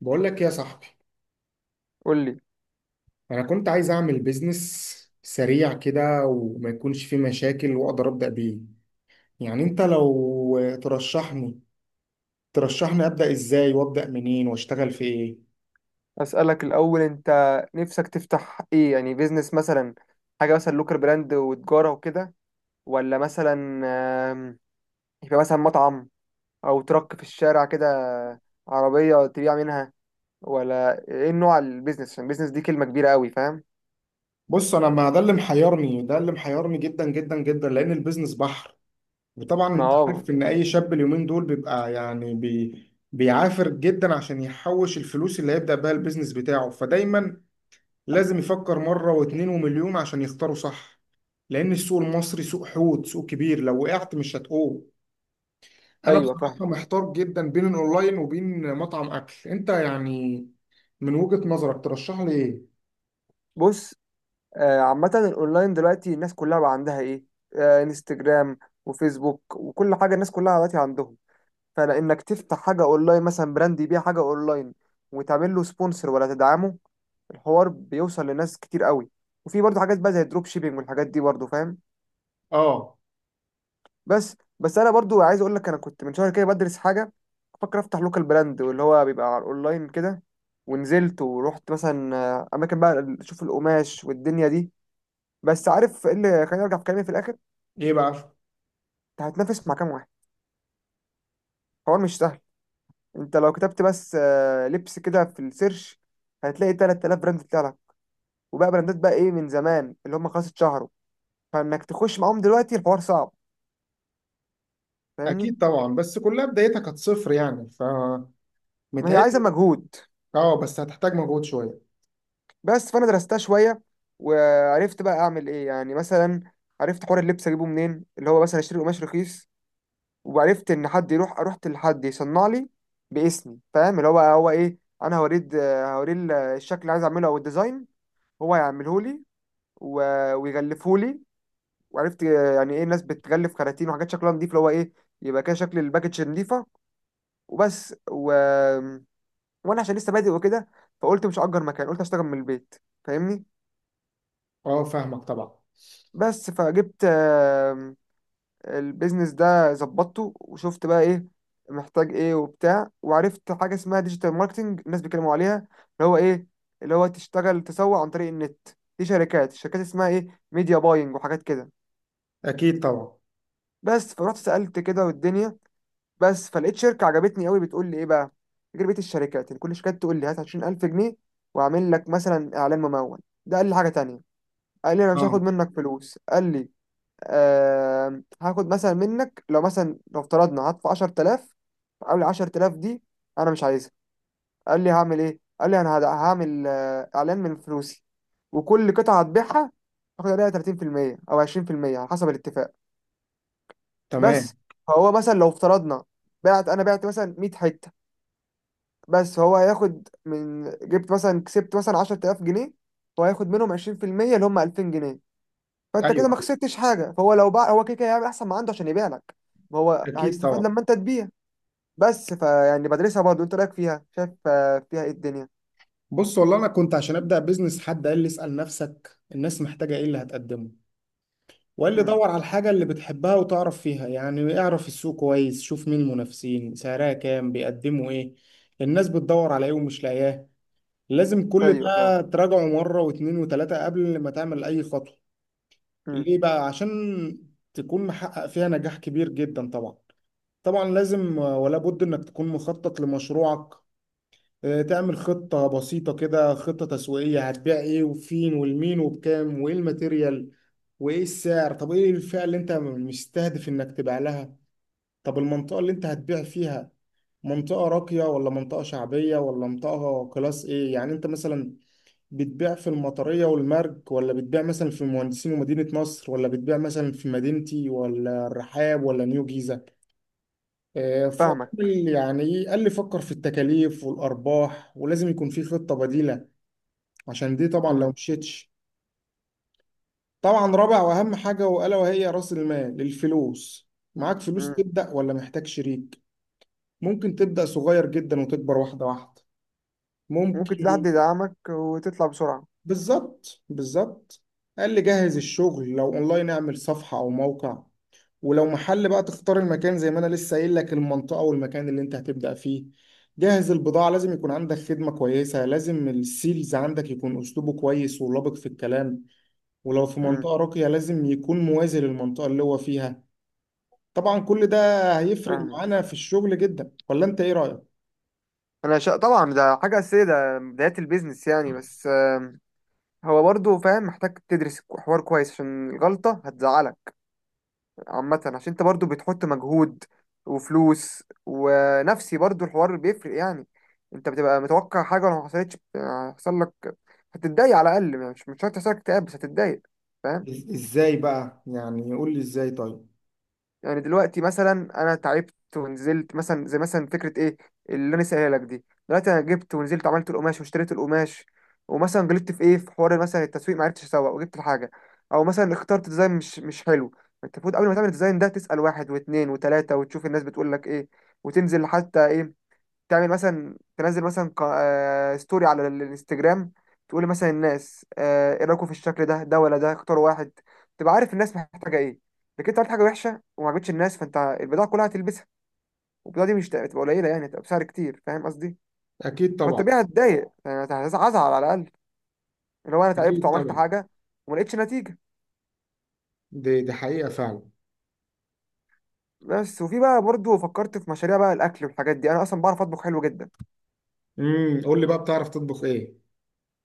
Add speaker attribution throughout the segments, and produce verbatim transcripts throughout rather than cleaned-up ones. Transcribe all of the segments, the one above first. Speaker 1: بقول لك إيه يا صاحبي.
Speaker 2: قول لي.
Speaker 1: انا كنت عايز اعمل بيزنس سريع كده وما يكونش فيه مشاكل واقدر ابدا بيه. يعني انت لو ترشحني ترشحني ابدا ازاي وابدا منين واشتغل في ايه؟
Speaker 2: اسالك الاول انت نفسك تفتح ايه، يعني بيزنس مثلا؟ حاجه مثلا لوكر براند وتجاره وكده، ولا مثلا آم، يبقى مثلا مطعم، او ترك في الشارع كده، عربيه تبيع منها، ولا ايه نوع البيزنس؟ عشان البيزنس دي كلمه كبيره قوي، فاهم؟
Speaker 1: بص، انا ما ده اللي محيرني ده اللي محيرني جدا جدا جدا، لان البيزنس بحر. وطبعا
Speaker 2: ما
Speaker 1: انت
Speaker 2: هو
Speaker 1: عارف ان اي شاب اليومين دول بيبقى يعني بي بيعافر جدا عشان يحوش الفلوس اللي هيبدا بيها البيزنس بتاعه. فدايما لازم يفكر مرة واتنين ومليون عشان يختاروا صح. لأن السوق المصري سوق حوت، سوق كبير، لو وقعت مش هتقوم. أنا
Speaker 2: ايوه
Speaker 1: بصراحة
Speaker 2: فاهم.
Speaker 1: محتار جدا بين الأونلاين وبين مطعم أكل، أنت يعني من وجهة نظرك ترشح لي إيه؟
Speaker 2: بص، آه، عامه الاونلاين دلوقتي الناس كلها بقى عندها ايه؟ آه، انستجرام وفيسبوك وكل حاجه، الناس كلها دلوقتي عندهم. فلانك تفتح حاجه اونلاين، مثلا براند يبيع حاجه اونلاين، وتعمل له سبونسر ولا تدعمه، الحوار بيوصل لناس كتير قوي. وفي برضه حاجات بقى زي الدروب شيبينج والحاجات دي برضه، فاهم؟
Speaker 1: آه.
Speaker 2: بس بس انا برضه عايز اقول لك، انا كنت من شهر كده بدرس حاجه، بفكر افتح لوكال براند، واللي هو بيبقى على الاونلاين كده. ونزلت ورحت مثلا آه، اماكن بقى اشوف القماش والدنيا دي. بس عارف ايه اللي خليني ارجع في كلامي في الاخر؟
Speaker 1: إيه بقى؟
Speaker 2: انت هتنافس مع كام واحد، حوار مش سهل. انت لو كتبت بس آه، لبس كده في السيرش، هتلاقي تلت تلاف براند طلع، وبقى براندات بقى ايه من زمان اللي هم خلاص اتشهروا، فانك تخش معاهم دلوقتي الحوار صعب، فاهمني؟
Speaker 1: أكيد طبعا، بس كلها بدايتها كانت صفر يعني فمتهيألي.
Speaker 2: ما هي عايزه مجهود.
Speaker 1: آه، بس هتحتاج مجهود شوية.
Speaker 2: بس فانا درستها شويه، وعرفت بقى اعمل ايه يعني. مثلا عرفت حوار اللبس اجيبه منين، اللي هو مثلا اشتري قماش رخيص، وعرفت ان حد يروح، رحت لحد يصنع لي باسمي، فاهم؟ اللي هو هو ايه، انا هوريه د- هوريه ال- الشكل اللي عايز اعمله او الديزاين، هو هيعمله لي و- ويغلفه لي. وعرفت يعني ايه الناس بتغلف كراتين وحاجات شكلها نضيف، اللي هو ايه، يبقى كده شكل الباكج نضيفه. وبس و... وانا عشان لسه بادئ وكده، فقلت مش هأجر مكان، قلت اشتغل من البيت، فاهمني؟
Speaker 1: آه، فاهمك طبعا.
Speaker 2: بس فجبت، آم، البيزنس ده ظبطته وشفت بقى ايه محتاج ايه وبتاع، وعرفت حاجه اسمها ديجيتال ماركتنج الناس بيتكلموا عليها، اللي هو ايه، اللي هو تشتغل تسوق عن طريق النت، دي شركات، الشركات اسمها ايه، ميديا باينج وحاجات كده.
Speaker 1: أكيد طبعا.
Speaker 2: بس فرحت سألت كده والدنيا، بس فلقيت شركه عجبتني قوي بتقول لي ايه بقى؟ تجربه الشركات يعني، كل شركه تقول لي هات عشرين الف جنيه واعمل لك مثلا اعلان ممول، ده قال لي حاجه تانية، قال لي انا مش هاخد
Speaker 1: آه.
Speaker 2: منك فلوس، قال لي آه هاخد مثلا منك، لو مثلا لو افترضنا هدفع عشر تلاف، قال لي عشر تلاف دي انا مش عايزها، قال لي هعمل ايه، قال لي انا هد- هعمل آه، اعلان من فلوسي، وكل قطعه هتبيعها هاخد عليها تلاتين في المية او عشرين في المية على حسب الاتفاق،
Speaker 1: تمام.
Speaker 2: بس. فهو مثلا لو افترضنا بعت انا بعت مثلا ميت حته، بس هو هياخد من، جبت مثلا كسبت مثلا عشر تلاف جنيه، هو هياخد منهم عشرين في المية اللي هم الفين جنيه،
Speaker 1: أيوه
Speaker 2: فانت كده ما
Speaker 1: أيوه.
Speaker 2: خسرتش حاجه. فهو لو باع هو كده كده هيعمل احسن ما عنده عشان يبيع لك، ما هو
Speaker 1: أكيد
Speaker 2: هيستفاد
Speaker 1: طبعا.
Speaker 2: لما انت تبيع. بس فيعني بدرسها برضه، انت رايك فيها، شايف آه، فيها ايه الدنيا؟
Speaker 1: بص والله انا كنت عشان ابدا بيزنس حد قال لي اسال نفسك الناس محتاجه ايه اللي هتقدمه، وقال لي
Speaker 2: امم.
Speaker 1: دور على الحاجه اللي بتحبها وتعرف فيها، يعني اعرف السوق كويس، شوف مين المنافسين، سعرها كام، بيقدموا ايه، الناس بتدور على ايه ومش لاقياه. لازم كل
Speaker 2: ايوه فاهم.
Speaker 1: ده تراجعه مره واتنين وتلاته قبل ما تعمل اي خطوه.
Speaker 2: امم.
Speaker 1: ليه بقى؟ عشان تكون محقق فيها نجاح كبير جدا طبعا. طبعا لازم ولا بد انك تكون مخطط لمشروعك. آه، تعمل خطة بسيطة كده، خطة تسويقية، هتبيع ايه وفين والمين وبكام وايه الماتيريال وايه السعر. طب ايه الفئة اللي انت مستهدف انك تبيع لها؟ طب المنطقة اللي انت هتبيع فيها، منطقة راقية ولا منطقة شعبية ولا منطقة كلاس ايه؟ يعني انت مثلا بتبيع في المطرية والمرج ولا بتبيع مثلا في المهندسين ومدينة نصر ولا بتبيع مثلا في مدينتي ولا الرحاب ولا نيو جيزة. آه، ف-
Speaker 2: فاهمك.
Speaker 1: يعني ايه قال لي فكر في التكاليف والأرباح، ولازم يكون في خطة بديلة عشان دي طبعا لو
Speaker 2: امم.
Speaker 1: مشيتش. طبعا رابع واهم حاجه، والا وهي راس المال، الفلوس. معاك فلوس
Speaker 2: امم.
Speaker 1: تبدا ولا محتاج شريك؟ ممكن تبدا صغير جدا وتكبر واحده واحده.
Speaker 2: ممكن تلاقي
Speaker 1: ممكن.
Speaker 2: حد يدعمك وتطلع بسرعه.
Speaker 1: بالظبط بالظبط. قال لي جهز الشغل، لو اونلاين اعمل صفحه او موقع، ولو محل بقى تختار المكان زي ما انا لسه قايل لك، المنطقه والمكان اللي انت هتبدا فيه. جهز البضاعة. لازم يكون عندك خدمة كويسة. لازم السيلز عندك يكون أسلوبه كويس ولبق في الكلام، ولو في
Speaker 2: امم.
Speaker 1: منطقة راقية لازم يكون موازي للمنطقة اللي هو فيها. طبعا كل ده هيفرق
Speaker 2: فاهمك.
Speaker 1: معانا في الشغل جدا، ولا انت ايه رأيك؟
Speaker 2: انا شا... طبعا ده حاجه اساسيه، ده بدايه البيزنس يعني. بس هو برضه فاهم، محتاج تدرس كو- حوار كويس عشان الغلطة هتزعلك. عامة عشان انت برضه بتحط مجهود وفلوس ونفسي، برضه الحوار بيفرق يعني. انت بتبقى متوقع حاجة، ولو ما حصلتش بت- هيحصل لك، هتتضايق على الأقل يعني. مش مش شرط يحصل لك اكتئاب، بس هتتضايق، فاهم؟
Speaker 1: إز- ازاي بقى يعني؟ قول لي ازاي طيب.
Speaker 2: يعني دلوقتي مثلا، انا تعبت ونزلت مثلا، زي مثلا فكره ايه اللي انا سايلها لك دي، دلوقتي انا جبت ونزلت عملت القماش واشتريت القماش، ومثلا غلطت في ايه، في حوار مثلا التسويق ما عرفتش اسوق وجبت الحاجه، او مثلا اخترت ديزاين مش مش حلو. انت المفروض قبل ما تعمل الديزاين ده تسال واحد واثنين وثلاثه وتشوف الناس بتقول لك ايه، وتنزل حتى ايه، تعمل مثلا، تنزل مثلا ق- آه، ستوري على الانستجرام، تقول مثلا الناس، آه، ايه رايكم في الشكل ده، ده ولا ده اختاروا واحد، تبقى عارف الناس محتاجه ايه. لكن انت عملت حاجه وحشه وما عجبتش الناس، فانت البضاعه كلها هتلبسها، والبضاعه دي مش هتبقى قليله يعني، هتبقى بسعر كتير، فاهم قصدي؟
Speaker 1: أكيد طبعا.
Speaker 2: فالطبيعي هتضايق يعني، هتزعل على الاقل، اللي هو انا تعبت
Speaker 1: أكيد
Speaker 2: وعملت
Speaker 1: طبعا.
Speaker 2: حاجه وما لقيتش نتيجه.
Speaker 1: دي دي حقيقة فعلا.
Speaker 2: بس وفي بقى برضو فكرت في مشاريع بقى، الاكل والحاجات دي انا اصلا بعرف اطبخ حلو جدا
Speaker 1: امم، قول لي بقى، بتعرف تطبخ إيه؟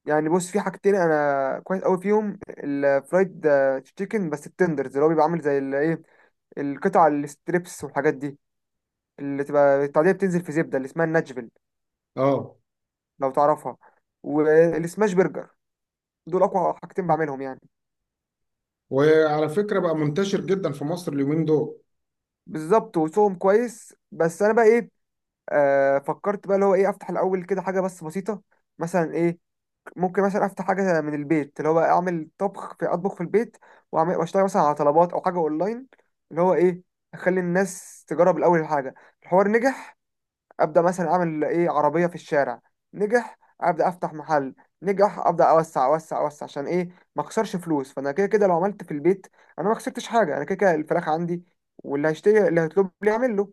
Speaker 2: يعني. بص، في حاجتين انا كويس قوي فيهم، الفرايد تشيكن بس التندرز، اللي هو بيبقى عامل زي ال- ايه القطع الستريبس والحاجات دي، اللي تبقى التعديه بتنزل في زبده اللي اسمها الناشفيل،
Speaker 1: أه.
Speaker 2: لو تعرفها، والسماش برجر، دول اقوى حاجتين بعملهم يعني.
Speaker 1: وعلى فكرة بقى منتشر جدا في مصر اليومين دول.
Speaker 2: بالظبط وسوهم كويس. بس انا بقى ايه، آه فكرت بقى اللي هو ايه، افتح الاول كده حاجه بس بسيطه، مثلا ايه، ممكن مثلا افتح حاجه من البيت، اللي هو بقى اعمل طبخ في، اطبخ في البيت واعمل واشتغل مثلا على طلبات او حاجه اونلاين، اللي هو ايه، اخلي الناس تجرب الاول الحاجه. الحوار نجح، ابدا مثلا اعمل ايه، عربيه في الشارع. نجح، ابدا افتح محل. نجح، ابدا اوسع اوسع اوسع. عشان ايه؟ ما اخسرش فلوس. فانا كده كده لو عملت في البيت انا ما خسرتش حاجه، انا كده كده الفراخ عندي، واللي هيشتري اللي هيطلب لي يعمل له،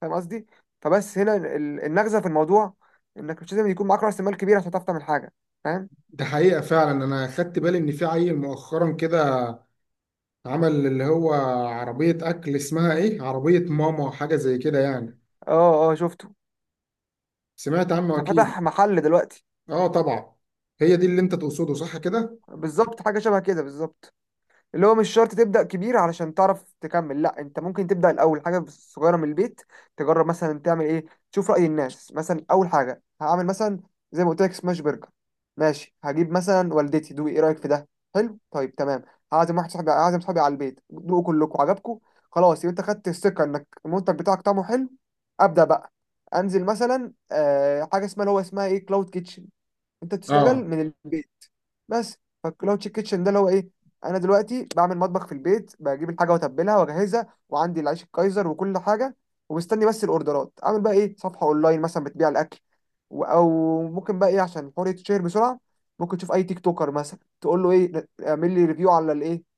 Speaker 2: فاهم قصدي؟ فبس هنا ال- النغزه في الموضوع، انك مش لازم يكون معاك راس مال كبير عشان تعرف تعمل حاجه، فاهم؟
Speaker 1: ده حقيقة فعلا. أنا خدت بالي إن في عيل مؤخرا كده عمل اللي هو عربية أكل، اسمها إيه؟ عربية ماما، حاجة زي كده يعني.
Speaker 2: اه اه شفته.
Speaker 1: سمعت عنه
Speaker 2: ده
Speaker 1: أكيد.
Speaker 2: فتح محل دلوقتي.
Speaker 1: اه طبعا. هي دي اللي انت تقصده، صح كده؟
Speaker 2: بالظبط، حاجه شبه كده بالظبط، اللي هو مش شرط تبدا كبير علشان تعرف تكمل، لا، انت ممكن تبدا الاول حاجه صغيره من البيت، تجرب مثلا تعمل ايه، تشوف راي الناس. مثلا اول حاجه هعمل مثلا زي ما قلت لك سماش برجر، ماشي، هجيب مثلا والدتي، دوقي ايه رايك في ده، حلو طيب تمام، هعزم واحد صاحبي، هعزم صاحبي على البيت، دوقوا كلكم، عجبكم، خلاص، يبقى انت خدت الثقه انك المنتج بتاعك طعمه حلو، ابدا بقى. انزل مثلا آه حاجه اسمها اللي هو اسمها ايه، كلاود كيتشن، انت تشتغل
Speaker 1: اه
Speaker 2: من البيت، بس. فالكلاود كيتشن ده اللي هو ايه، انا دلوقتي بعمل مطبخ في البيت، بجيب الحاجه واتبلها واجهزها وعندي العيش الكايزر وكل حاجه، ومستني بس الاوردرات. اعمل بقى ايه، صفحه اونلاين مثلا بتبيع الاكل، و- او ممكن بقى ايه عشان الحوار يتشهر بسرعه، ممكن تشوف اي تيك توكر مثلا تقول له ايه، اعمل لي ريفيو على الايه،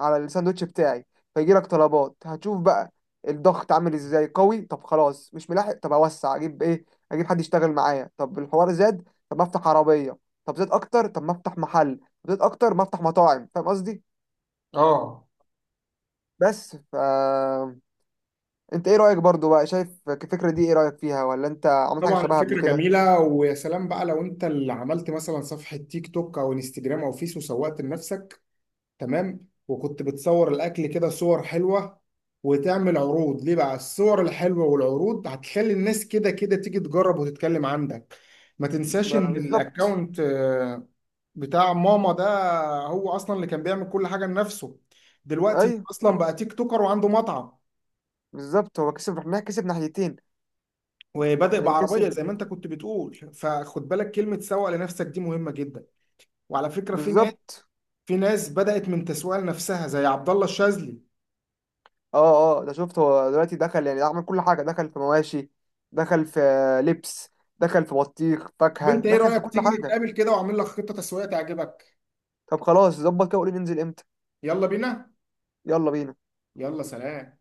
Speaker 2: على الساندوتش بتاعي، فيجي لك طلبات، هتشوف بقى الضغط عامل ازاي قوي. طب خلاص مش ملاحق، طب اوسع، اجيب ايه، اجيب حد يشتغل معايا. طب الحوار زاد، طب ما افتح عربيه. طب زاد اكتر، طب ما افتح محل. طب زاد اكتر، ما افتح مطاعم، فاهم قصدي؟
Speaker 1: اه.
Speaker 2: بس ف انت ايه رايك برضو بقى، شايف الفكره دي ايه رايك فيها، ولا انت عملت حاجه
Speaker 1: طبعا
Speaker 2: شبهها قبل
Speaker 1: الفكرة
Speaker 2: كده؟
Speaker 1: جميلة، ويا سلام بقى لو انت اللي عملت مثلا صفحة تيك توك او انستجرام او فيس وسوقت لنفسك. تمام. وكنت بتصور الاكل كده صور حلوة وتعمل عروض. ليه بقى؟ الصور الحلوة والعروض هتخلي الناس كده كده تيجي تجرب وتتكلم عندك. ما تنساش
Speaker 2: ما-
Speaker 1: ان
Speaker 2: بالظبط.
Speaker 1: الاكونت آه، بتاع ماما ده هو اصلا اللي كان بيعمل كل حاجة لنفسه. دلوقتي هو
Speaker 2: ايوه
Speaker 1: اصلا بقى تيك توكر وعنده مطعم.
Speaker 2: بالظبط، هو كسب، احنا كسب ناحيتين
Speaker 1: وبادئ
Speaker 2: يعني،
Speaker 1: بعربيه
Speaker 2: كسب
Speaker 1: زي ما انت كنت بتقول، فخد بالك كلمه سوق لنفسك دي مهمه جدا. وعلى فكره في ناس،
Speaker 2: بالظبط.
Speaker 1: في ناس بدات من تسويق لنفسها زي عبد الله الشاذلي.
Speaker 2: اه اه ده شفت هو دلوقتي دخل، يعني عمل كل حاجة، دخل في مواشي، دخل في لبس، دخل في بطيخ
Speaker 1: طب
Speaker 2: فاكهة،
Speaker 1: انت ايه
Speaker 2: دخل في
Speaker 1: رايك
Speaker 2: كل
Speaker 1: تيجي
Speaker 2: حاجة.
Speaker 1: نتقابل كده واعمل لك خطه تسويقيه تعجبك؟
Speaker 2: طب خلاص، ظبط كده، وقولي ننزل امتى.
Speaker 1: يلا بينا.
Speaker 2: يلا بينا.
Speaker 1: يلا سلام.